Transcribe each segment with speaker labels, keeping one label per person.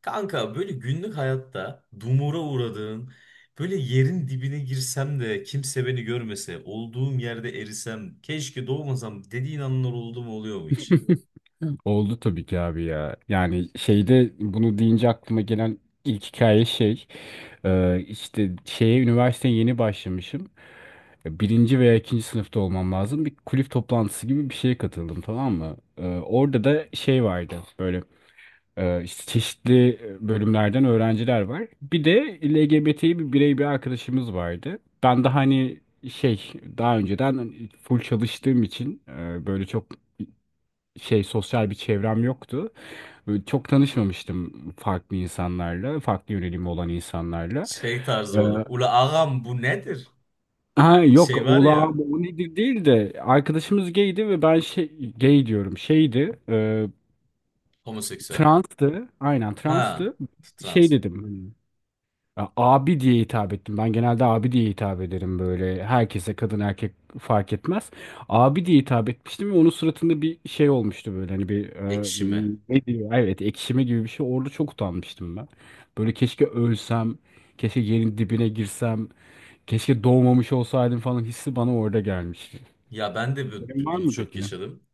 Speaker 1: Kanka böyle günlük hayatta dumura uğradığın, böyle yerin dibine girsem de kimse beni görmese, olduğum yerde erisem, keşke doğmasam dediğin anlar oldu mu oluyor mu hiç?
Speaker 2: Oldu tabii ki abi ya. Yani şeyde bunu deyince aklıma gelen ilk hikaye şey. İşte şeye üniversiteye yeni başlamışım. Birinci veya ikinci sınıfta olmam lazım. Bir kulüp toplantısı gibi bir şeye katıldım, tamam mı? Orada da şey vardı böyle işte çeşitli bölümlerden öğrenciler var. Bir de LGBT'yi bir birey bir arkadaşımız vardı. Ben de hani şey, daha önceden full çalıştığım için böyle çok şey, sosyal bir çevrem yoktu. Böyle çok tanışmamıştım farklı insanlarla, farklı yönelimi olan insanlarla.
Speaker 1: Şey tarzı
Speaker 2: Ee,
Speaker 1: böyle, ula ağam bu nedir?
Speaker 2: ha yok
Speaker 1: Şey var ya,
Speaker 2: ulağım o nedir değil de, arkadaşımız gaydi ve ben şey, gay diyorum, şeydi
Speaker 1: homoseksüel.
Speaker 2: transtı, aynen
Speaker 1: Ha,
Speaker 2: transtı. Şey
Speaker 1: trans,
Speaker 2: dedim, ya abi diye hitap ettim. Ben genelde abi diye hitap ederim böyle. Herkese, kadın erkek fark etmez. Abi diye hitap etmiştim ve onun suratında bir şey olmuştu böyle. Hani bir
Speaker 1: ekşime.
Speaker 2: ne diyor? Evet, ekşime gibi bir şey. Orada çok utanmıştım ben. Böyle keşke ölsem. Keşke yerin dibine girsem. Keşke doğmamış olsaydım falan hissi bana orada gelmişti.
Speaker 1: Ya ben de
Speaker 2: Senin var
Speaker 1: bunu
Speaker 2: mı
Speaker 1: çok
Speaker 2: peki?
Speaker 1: yaşadım.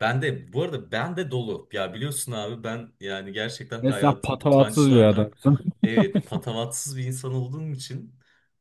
Speaker 1: Ben de bu arada ben de dolu. Ya biliyorsun abi ben yani gerçekten
Speaker 2: Ve sen
Speaker 1: hayatım
Speaker 2: patavatsız bir
Speaker 1: utançlarla
Speaker 2: adamsın.
Speaker 1: evet, patavatsız bir insan olduğum için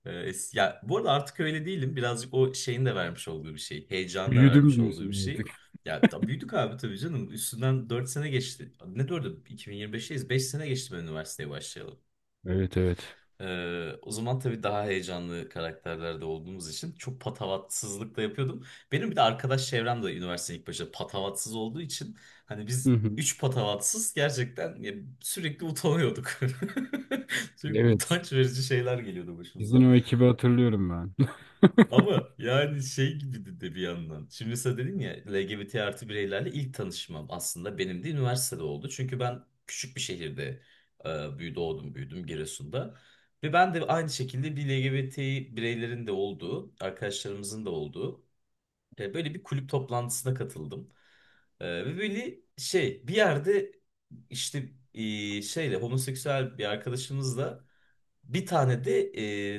Speaker 1: ya, bu arada artık öyle değilim. Birazcık o şeyin de vermiş olduğu bir şey. Heyecanın da
Speaker 2: Büyüdüm
Speaker 1: vermiş olduğu bir
Speaker 2: diyorsun
Speaker 1: şey.
Speaker 2: artık.
Speaker 1: Ya büyüdük abi tabii canım. Üstünden 4 sene geçti. Ne 4'ü? 2025'teyiz. 5 sene geçti ben üniversiteye başlayalım.
Speaker 2: Evet, evet.
Speaker 1: O zaman tabii daha heyecanlı karakterlerde olduğumuz için çok patavatsızlık da yapıyordum. Benim bir de arkadaş çevrem de üniversitenin ilk başta patavatsız olduğu için hani
Speaker 2: Hı
Speaker 1: biz
Speaker 2: hı.
Speaker 1: üç patavatsız gerçekten ya, sürekli utanıyorduk. Sürekli
Speaker 2: Evet.
Speaker 1: utanç verici şeyler geliyordu
Speaker 2: Sizin
Speaker 1: başımıza.
Speaker 2: o ekibi hatırlıyorum ben.
Speaker 1: Ama yani şey gibi de bir yandan. Şimdi mesela dedin ya LGBT artı bireylerle ilk tanışmam aslında benim de üniversitede oldu. Çünkü ben küçük bir şehirde e, büyü doğdum büyüdüm Giresun'da. Ve ben de aynı şekilde bir LGBT bireylerin de olduğu, arkadaşlarımızın da olduğu böyle bir kulüp toplantısına katıldım. Ve böyle şey bir yerde işte şeyle homoseksüel bir arkadaşımızla bir tane de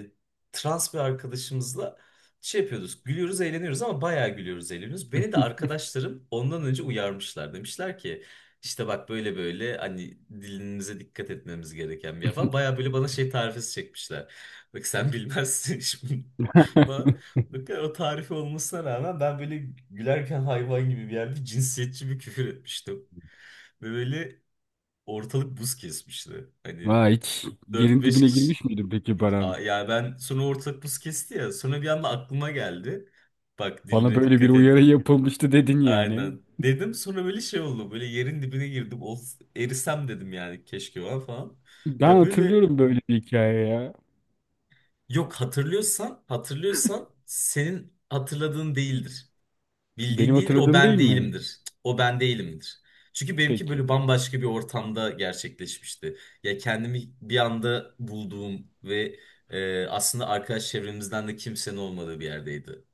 Speaker 1: e, trans bir arkadaşımızla şey yapıyoruz. Gülüyoruz, eğleniyoruz ama bayağı gülüyoruz, eğleniyoruz. Beni de arkadaşlarım ondan önce uyarmışlar. Demişler ki işte bak böyle böyle hani dilinize dikkat etmemiz gereken bir yer falan. Bayağı böyle bana şey tarifesi çekmişler. Bak sen bilmezsin şimdi. Falan. Bak, o tarifi olmasına rağmen ben böyle gülerken hayvan gibi bir yerde cinsiyetçi bir küfür etmiştim. Ve böyle ortalık buz kesmişti. Hani
Speaker 2: Ha, hiç
Speaker 1: dört
Speaker 2: yerin
Speaker 1: beş
Speaker 2: dibine
Speaker 1: kişi
Speaker 2: girmiş miydin peki Baran?
Speaker 1: Ya ben sonra ortalık buz kesti ya. Sonra bir anda aklıma geldi. Bak,
Speaker 2: Bana
Speaker 1: diline
Speaker 2: böyle bir
Speaker 1: dikkat et.
Speaker 2: uyarı yapılmıştı dedin yani.
Speaker 1: Aynen. Dedim, sonra böyle şey oldu. Böyle yerin dibine girdim. Erisem dedim yani, keşke var falan.
Speaker 2: Ben
Speaker 1: Ya böyle
Speaker 2: hatırlıyorum böyle bir hikaye ya.
Speaker 1: yok, hatırlıyorsan senin hatırladığın değildir. Bildiğin
Speaker 2: Benim
Speaker 1: değildir, o
Speaker 2: hatırladığım
Speaker 1: ben
Speaker 2: değil mi?
Speaker 1: değilimdir. O ben değilimdir. Çünkü benimki
Speaker 2: Peki.
Speaker 1: böyle bambaşka bir ortamda gerçekleşmişti. Ya kendimi bir anda bulduğum ve aslında arkadaş çevremizden de kimsenin olmadığı bir yerdeydi.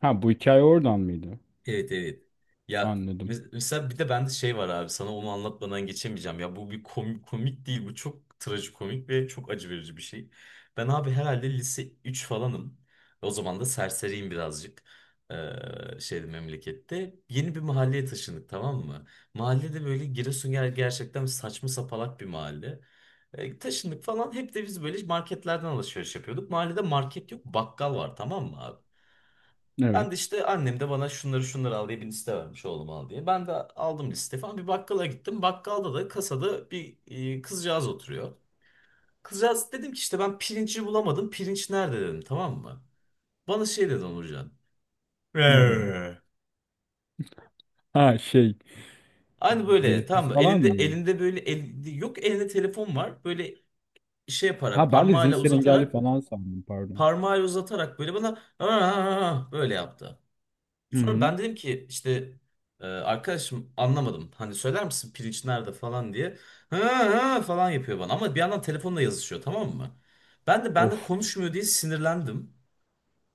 Speaker 2: Ha, bu hikaye oradan mıydı?
Speaker 1: Evet, evet. Ya
Speaker 2: Anladım.
Speaker 1: mesela bir de bende şey var abi, sana onu anlatmadan geçemeyeceğim. Ya bu bir komik, komik değil, bu çok trajikomik ve çok acı verici bir şey. Ben abi herhalde lise 3 falanım. O zaman da serseriyim birazcık. Şeyde, memlekette. Yeni bir mahalleye taşındık, tamam mı? Mahallede böyle Giresun gerçekten saçma sapalak bir mahalle. Taşındık falan, hep de biz böyle marketlerden alışveriş yapıyorduk. Mahallede market yok, bakkal var tamam mı abi? Ben de
Speaker 2: Evet.
Speaker 1: işte annem de bana şunları şunları al diye bir liste vermiş, oğlum al diye. Ben de aldım liste falan, bir bakkala gittim. Bakkalda da kasada bir kızcağız oturuyor. Kızcağız, dedim ki işte ben pirinci bulamadım. Pirinç nerede dedim, tamam mı? Bana şey dedi Onurcan.
Speaker 2: Ne dedi?
Speaker 1: "Eee."
Speaker 2: Ha şey.
Speaker 1: Aynı böyle, tamam
Speaker 2: Dilsiz
Speaker 1: mı?
Speaker 2: falan
Speaker 1: Elinde
Speaker 2: mı?
Speaker 1: elinde böyle yok, elinde telefon var. Böyle şey
Speaker 2: Ha,
Speaker 1: yaparak,
Speaker 2: ben de
Speaker 1: parmağıyla
Speaker 2: zihinsel engelli
Speaker 1: uzatarak
Speaker 2: falan sandım, pardon.
Speaker 1: böyle bana "Aa!" böyle yaptı.
Speaker 2: Hı
Speaker 1: Sonra
Speaker 2: hı.
Speaker 1: ben dedim ki işte arkadaşım anlamadım. Hani söyler misin pirinç nerede falan diye. Ha, ha falan yapıyor bana ama bir yandan telefonla yazışıyor, tamam mı? Ben de
Speaker 2: Of.
Speaker 1: konuşmuyor diye sinirlendim.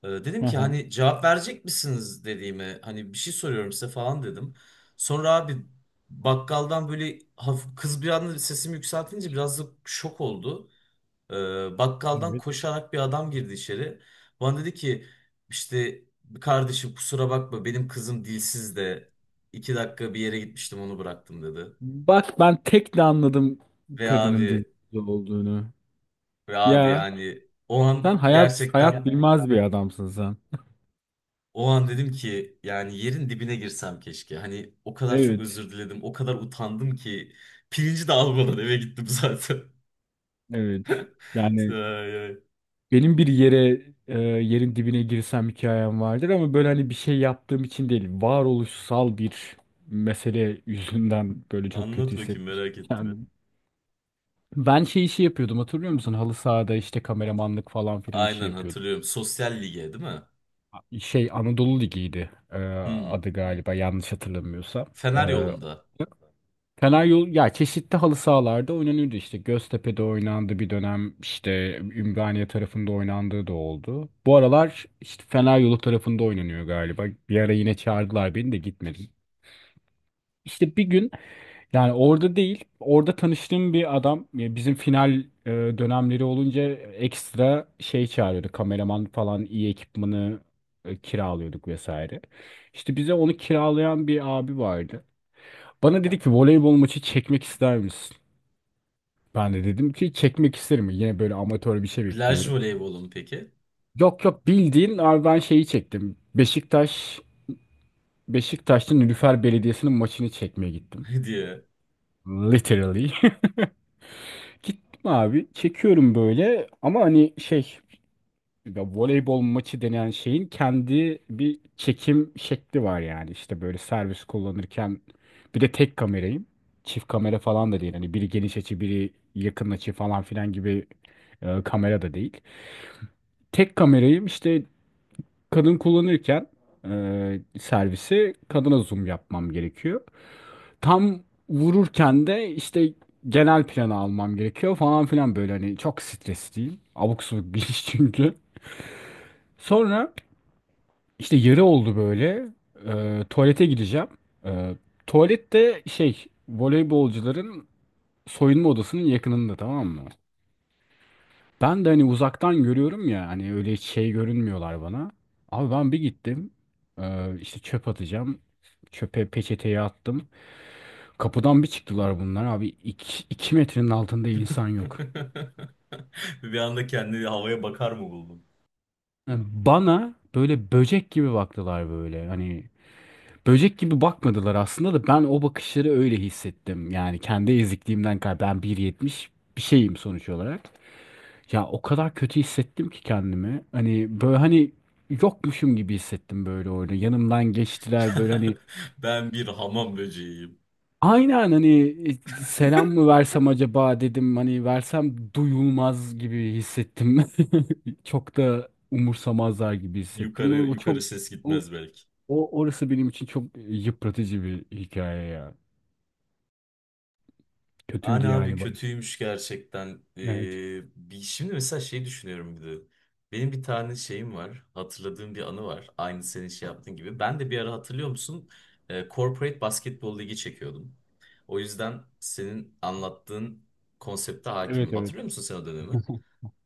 Speaker 1: Dedim
Speaker 2: Hı
Speaker 1: ki
Speaker 2: hı.
Speaker 1: hani cevap verecek misiniz dediğime, hani bir şey soruyorum size falan dedim. Sonra abi bakkaldan böyle hafif, kız bir anda sesimi yükseltince biraz da şok oldu. Bakkaldan
Speaker 2: Evet.
Speaker 1: koşarak bir adam girdi içeri. Bana dedi ki işte kardeşim kusura bakma, benim kızım dilsiz de 2 dakika bir yere gitmiştim, onu bıraktım dedi.
Speaker 2: Bak ben tek de anladım
Speaker 1: Ve
Speaker 2: kadının
Speaker 1: abi
Speaker 2: dilsiz olduğunu.
Speaker 1: ve abi
Speaker 2: Ya.
Speaker 1: yani
Speaker 2: Sen hayat hayat yani bilmez bir adamsın sen.
Speaker 1: o an dedim ki yani yerin dibine girsem keşke. Hani o kadar çok
Speaker 2: Evet,
Speaker 1: özür diledim, o kadar utandım ki pirinci de almadan eve gittim zaten.
Speaker 2: evet. Yani
Speaker 1: Ay, ay.
Speaker 2: benim bir yere yerin dibine girsem hikayem vardır ama böyle hani bir şey yaptığım için değil, varoluşsal bir mesele yüzünden böyle çok kötü
Speaker 1: Anlat bakayım,
Speaker 2: hissetmiştim
Speaker 1: merak ettim.
Speaker 2: kendimi. Ben şey işi yapıyordum, hatırlıyor musun? Halı sahada işte kameramanlık falan filan işi
Speaker 1: Aynen
Speaker 2: yapıyordum.
Speaker 1: hatırlıyorum. Sosyal lige değil mi?
Speaker 2: Şey Anadolu Ligi'ydi
Speaker 1: Hmm.
Speaker 2: adı, galiba yanlış hatırlamıyorsam.
Speaker 1: Fener
Speaker 2: E,
Speaker 1: yolunda.
Speaker 2: Karayolu ya, çeşitli halı sahalarda oynanıyordu. İşte Göztepe'de oynandı bir dönem, işte Ümraniye tarafında oynandığı da oldu. Bu aralar işte Fener Yolu tarafında oynanıyor galiba. Bir ara yine çağırdılar, beni de gitmedim. İşte bir gün, yani orada değil, orada tanıştığım bir adam ya, bizim final e, dönemleri olunca ekstra şey çağırıyordu, kameraman falan. İyi ekipmanı kiralıyorduk vesaire. İşte bize onu kiralayan bir abi vardı. Bana dedi ki voleybol maçı çekmek ister misin? Ben de dedim ki çekmek isterim. Yine böyle amatör bir şey
Speaker 1: Plaj
Speaker 2: bekliyorum.
Speaker 1: voleybolu mu peki?
Speaker 2: Yok yok, bildiğin abi, ben şeyi çektim. Beşiktaş'ta Nilüfer Belediyesi'nin maçını çekmeye gittim.
Speaker 1: diye.
Speaker 2: Literally. Gittim abi. Çekiyorum böyle ama hani şey, ya voleybol maçı denen şeyin kendi bir çekim şekli var yani. İşte böyle servis kullanırken, bir de tek kamerayım. Çift kamera falan da değil. Hani biri geniş açı, biri yakın açı falan filan gibi kamera da değil. Tek kamerayı işte kadın kullanırken servisi kadına zoom yapmam gerekiyor. Tam vururken de işte genel planı almam gerekiyor falan filan. Böyle hani çok stresliyim. Abuk subuk bir iş çünkü. Sonra işte yarı oldu böyle. Tuvalete gideceğim. E, Tuvalette, şey, voleybolcuların soyunma odasının yakınında, tamam mı? Ben de hani uzaktan görüyorum ya, hani öyle hiç şey görünmüyorlar bana. Abi ben bir gittim işte çöp atacağım. Çöpe peçeteyi attım. Kapıdan bir çıktılar bunlar abi. İki iki metrenin altında insan yok.
Speaker 1: Bir anda kendini havaya bakar mı buldum?
Speaker 2: Yani bana böyle böcek gibi baktılar böyle. Hani böcek gibi bakmadılar aslında da, ben o bakışları öyle hissettim. Yani kendi ezikliğimden kaynaklı. Ben 1,70 bir şeyim sonuç olarak. Ya o kadar kötü hissettim ki kendimi. Hani böyle hani yokmuşum gibi hissettim böyle orada. Yanımdan geçtiler böyle hani,
Speaker 1: Ben bir hamam böceğiyim.
Speaker 2: aynen hani, selam mı versem acaba dedim. Hani versem duyulmaz gibi hissettim. Çok da umursamazlar gibi hissettim.
Speaker 1: Yukarı yukarı ses
Speaker 2: O,
Speaker 1: gitmez belki.
Speaker 2: o orası benim için çok yıpratıcı bir hikaye ya.
Speaker 1: Hani
Speaker 2: Kötüydü
Speaker 1: abi
Speaker 2: yani bana.
Speaker 1: kötüymüş gerçekten. Ee,
Speaker 2: Evet.
Speaker 1: şimdi mesela şey düşünüyorum bir de. Benim bir tane şeyim var. Hatırladığım bir anı var. Aynı senin şey yaptığın gibi. Ben de bir ara hatırlıyor musun? Corporate Basketbol Ligi çekiyordum. O yüzden senin anlattığın konsepte hakimim.
Speaker 2: Evet evet.
Speaker 1: Hatırlıyor musun sen o dönemi?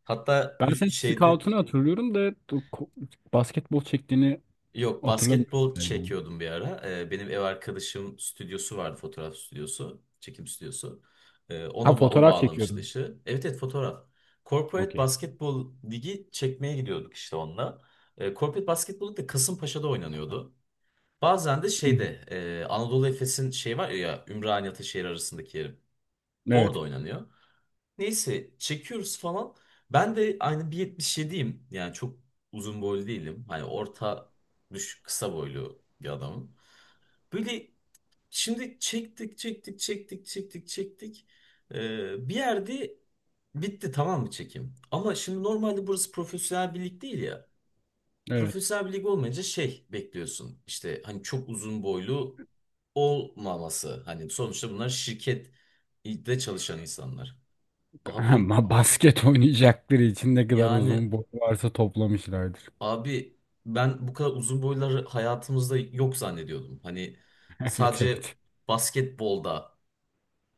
Speaker 1: Hatta
Speaker 2: Ben senin
Speaker 1: şeydi,
Speaker 2: scout'unu hatırlıyorum da o ko- basketbol çektiğini.
Speaker 1: yok,
Speaker 2: Hatırlamıyorum
Speaker 1: basketbol
Speaker 2: galiba.
Speaker 1: çekiyordum bir ara. Benim ev arkadaşım stüdyosu vardı, fotoğraf stüdyosu, çekim stüdyosu.
Speaker 2: Ha,
Speaker 1: O
Speaker 2: fotoğraf
Speaker 1: bağlamıştı
Speaker 2: çekiyordum.
Speaker 1: işi. Evet, evet, fotoğraf. Corporate
Speaker 2: Okey.
Speaker 1: Basketbol Ligi çekmeye gidiyorduk işte onunla. Corporate Basketbol Ligi de Kasımpaşa'da oynanıyordu. Bazen de
Speaker 2: Hı hı.
Speaker 1: şeyde Anadolu Efes'in şey var ya, Ümraniye Ataşehir arasındaki yerim.
Speaker 2: Evet.
Speaker 1: Orada oynanıyor. Neyse çekiyoruz falan. Ben de aynı 1.77'yim. Yani çok uzun boylu değilim. Hani orta düşük, kısa boylu bir adamım. Böyle şimdi çektik çektik çektik çektik çektik. Bir yerde bitti, tamam mı çekim? Ama şimdi normalde burası profesyonel bir lig değil ya.
Speaker 2: Evet.
Speaker 1: Profesyonel bir lig olmayınca şey bekliyorsun. İşte hani çok uzun boylu olmaması. Hani sonuçta bunlar şirkette çalışan insanlar. Abi
Speaker 2: Ama basket oynayacakları için ne kadar
Speaker 1: Yani
Speaker 2: uzun boy varsa toplamışlardır.
Speaker 1: abi ben bu kadar uzun boyları hayatımızda yok zannediyordum. Hani
Speaker 2: Evet,
Speaker 1: sadece
Speaker 2: evet.
Speaker 1: basketbolda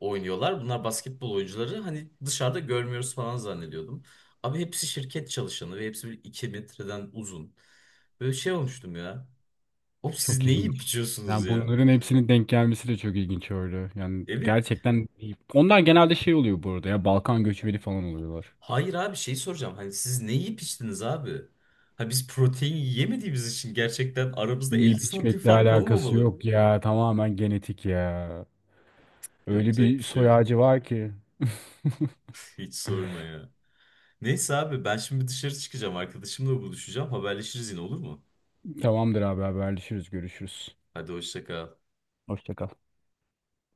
Speaker 1: oynuyorlar. Bunlar basketbol oyuncuları. Hani dışarıda görmüyoruz falan zannediyordum. Abi hepsi şirket çalışanı ve hepsi bir 2 metreden uzun. Böyle şey olmuştum ya. Oğlum siz
Speaker 2: Çok
Speaker 1: ne
Speaker 2: ilginç.
Speaker 1: yiyip içiyorsunuz
Speaker 2: Yani
Speaker 1: ya?
Speaker 2: bunların hepsinin denk gelmesi de çok ilginç öyle. Yani
Speaker 1: Evet.
Speaker 2: gerçekten iyi. Onlar genelde şey oluyor burada ya, Balkan göçmeni falan oluyorlar.
Speaker 1: Hayır abi şey soracağım. Hani siz ne yiyip içtiniz abi? Ha biz protein yemediğimiz için gerçekten aramızda 50
Speaker 2: Yiyip
Speaker 1: santim
Speaker 2: içmekle
Speaker 1: fark
Speaker 2: alakası
Speaker 1: olmamalı.
Speaker 2: yok ya. Tamamen genetik ya. Öyle
Speaker 1: Yapacak
Speaker 2: bir
Speaker 1: bir şey
Speaker 2: soy
Speaker 1: yok.
Speaker 2: ağacı var ki.
Speaker 1: Hiç sorma ya. Neyse abi ben şimdi dışarı çıkacağım. Arkadaşımla buluşacağım. Haberleşiriz yine, olur mu?
Speaker 2: Tamamdır abi, haberleşiriz, görüşürüz.
Speaker 1: Hadi hoşça kal.
Speaker 2: Hoşça kal.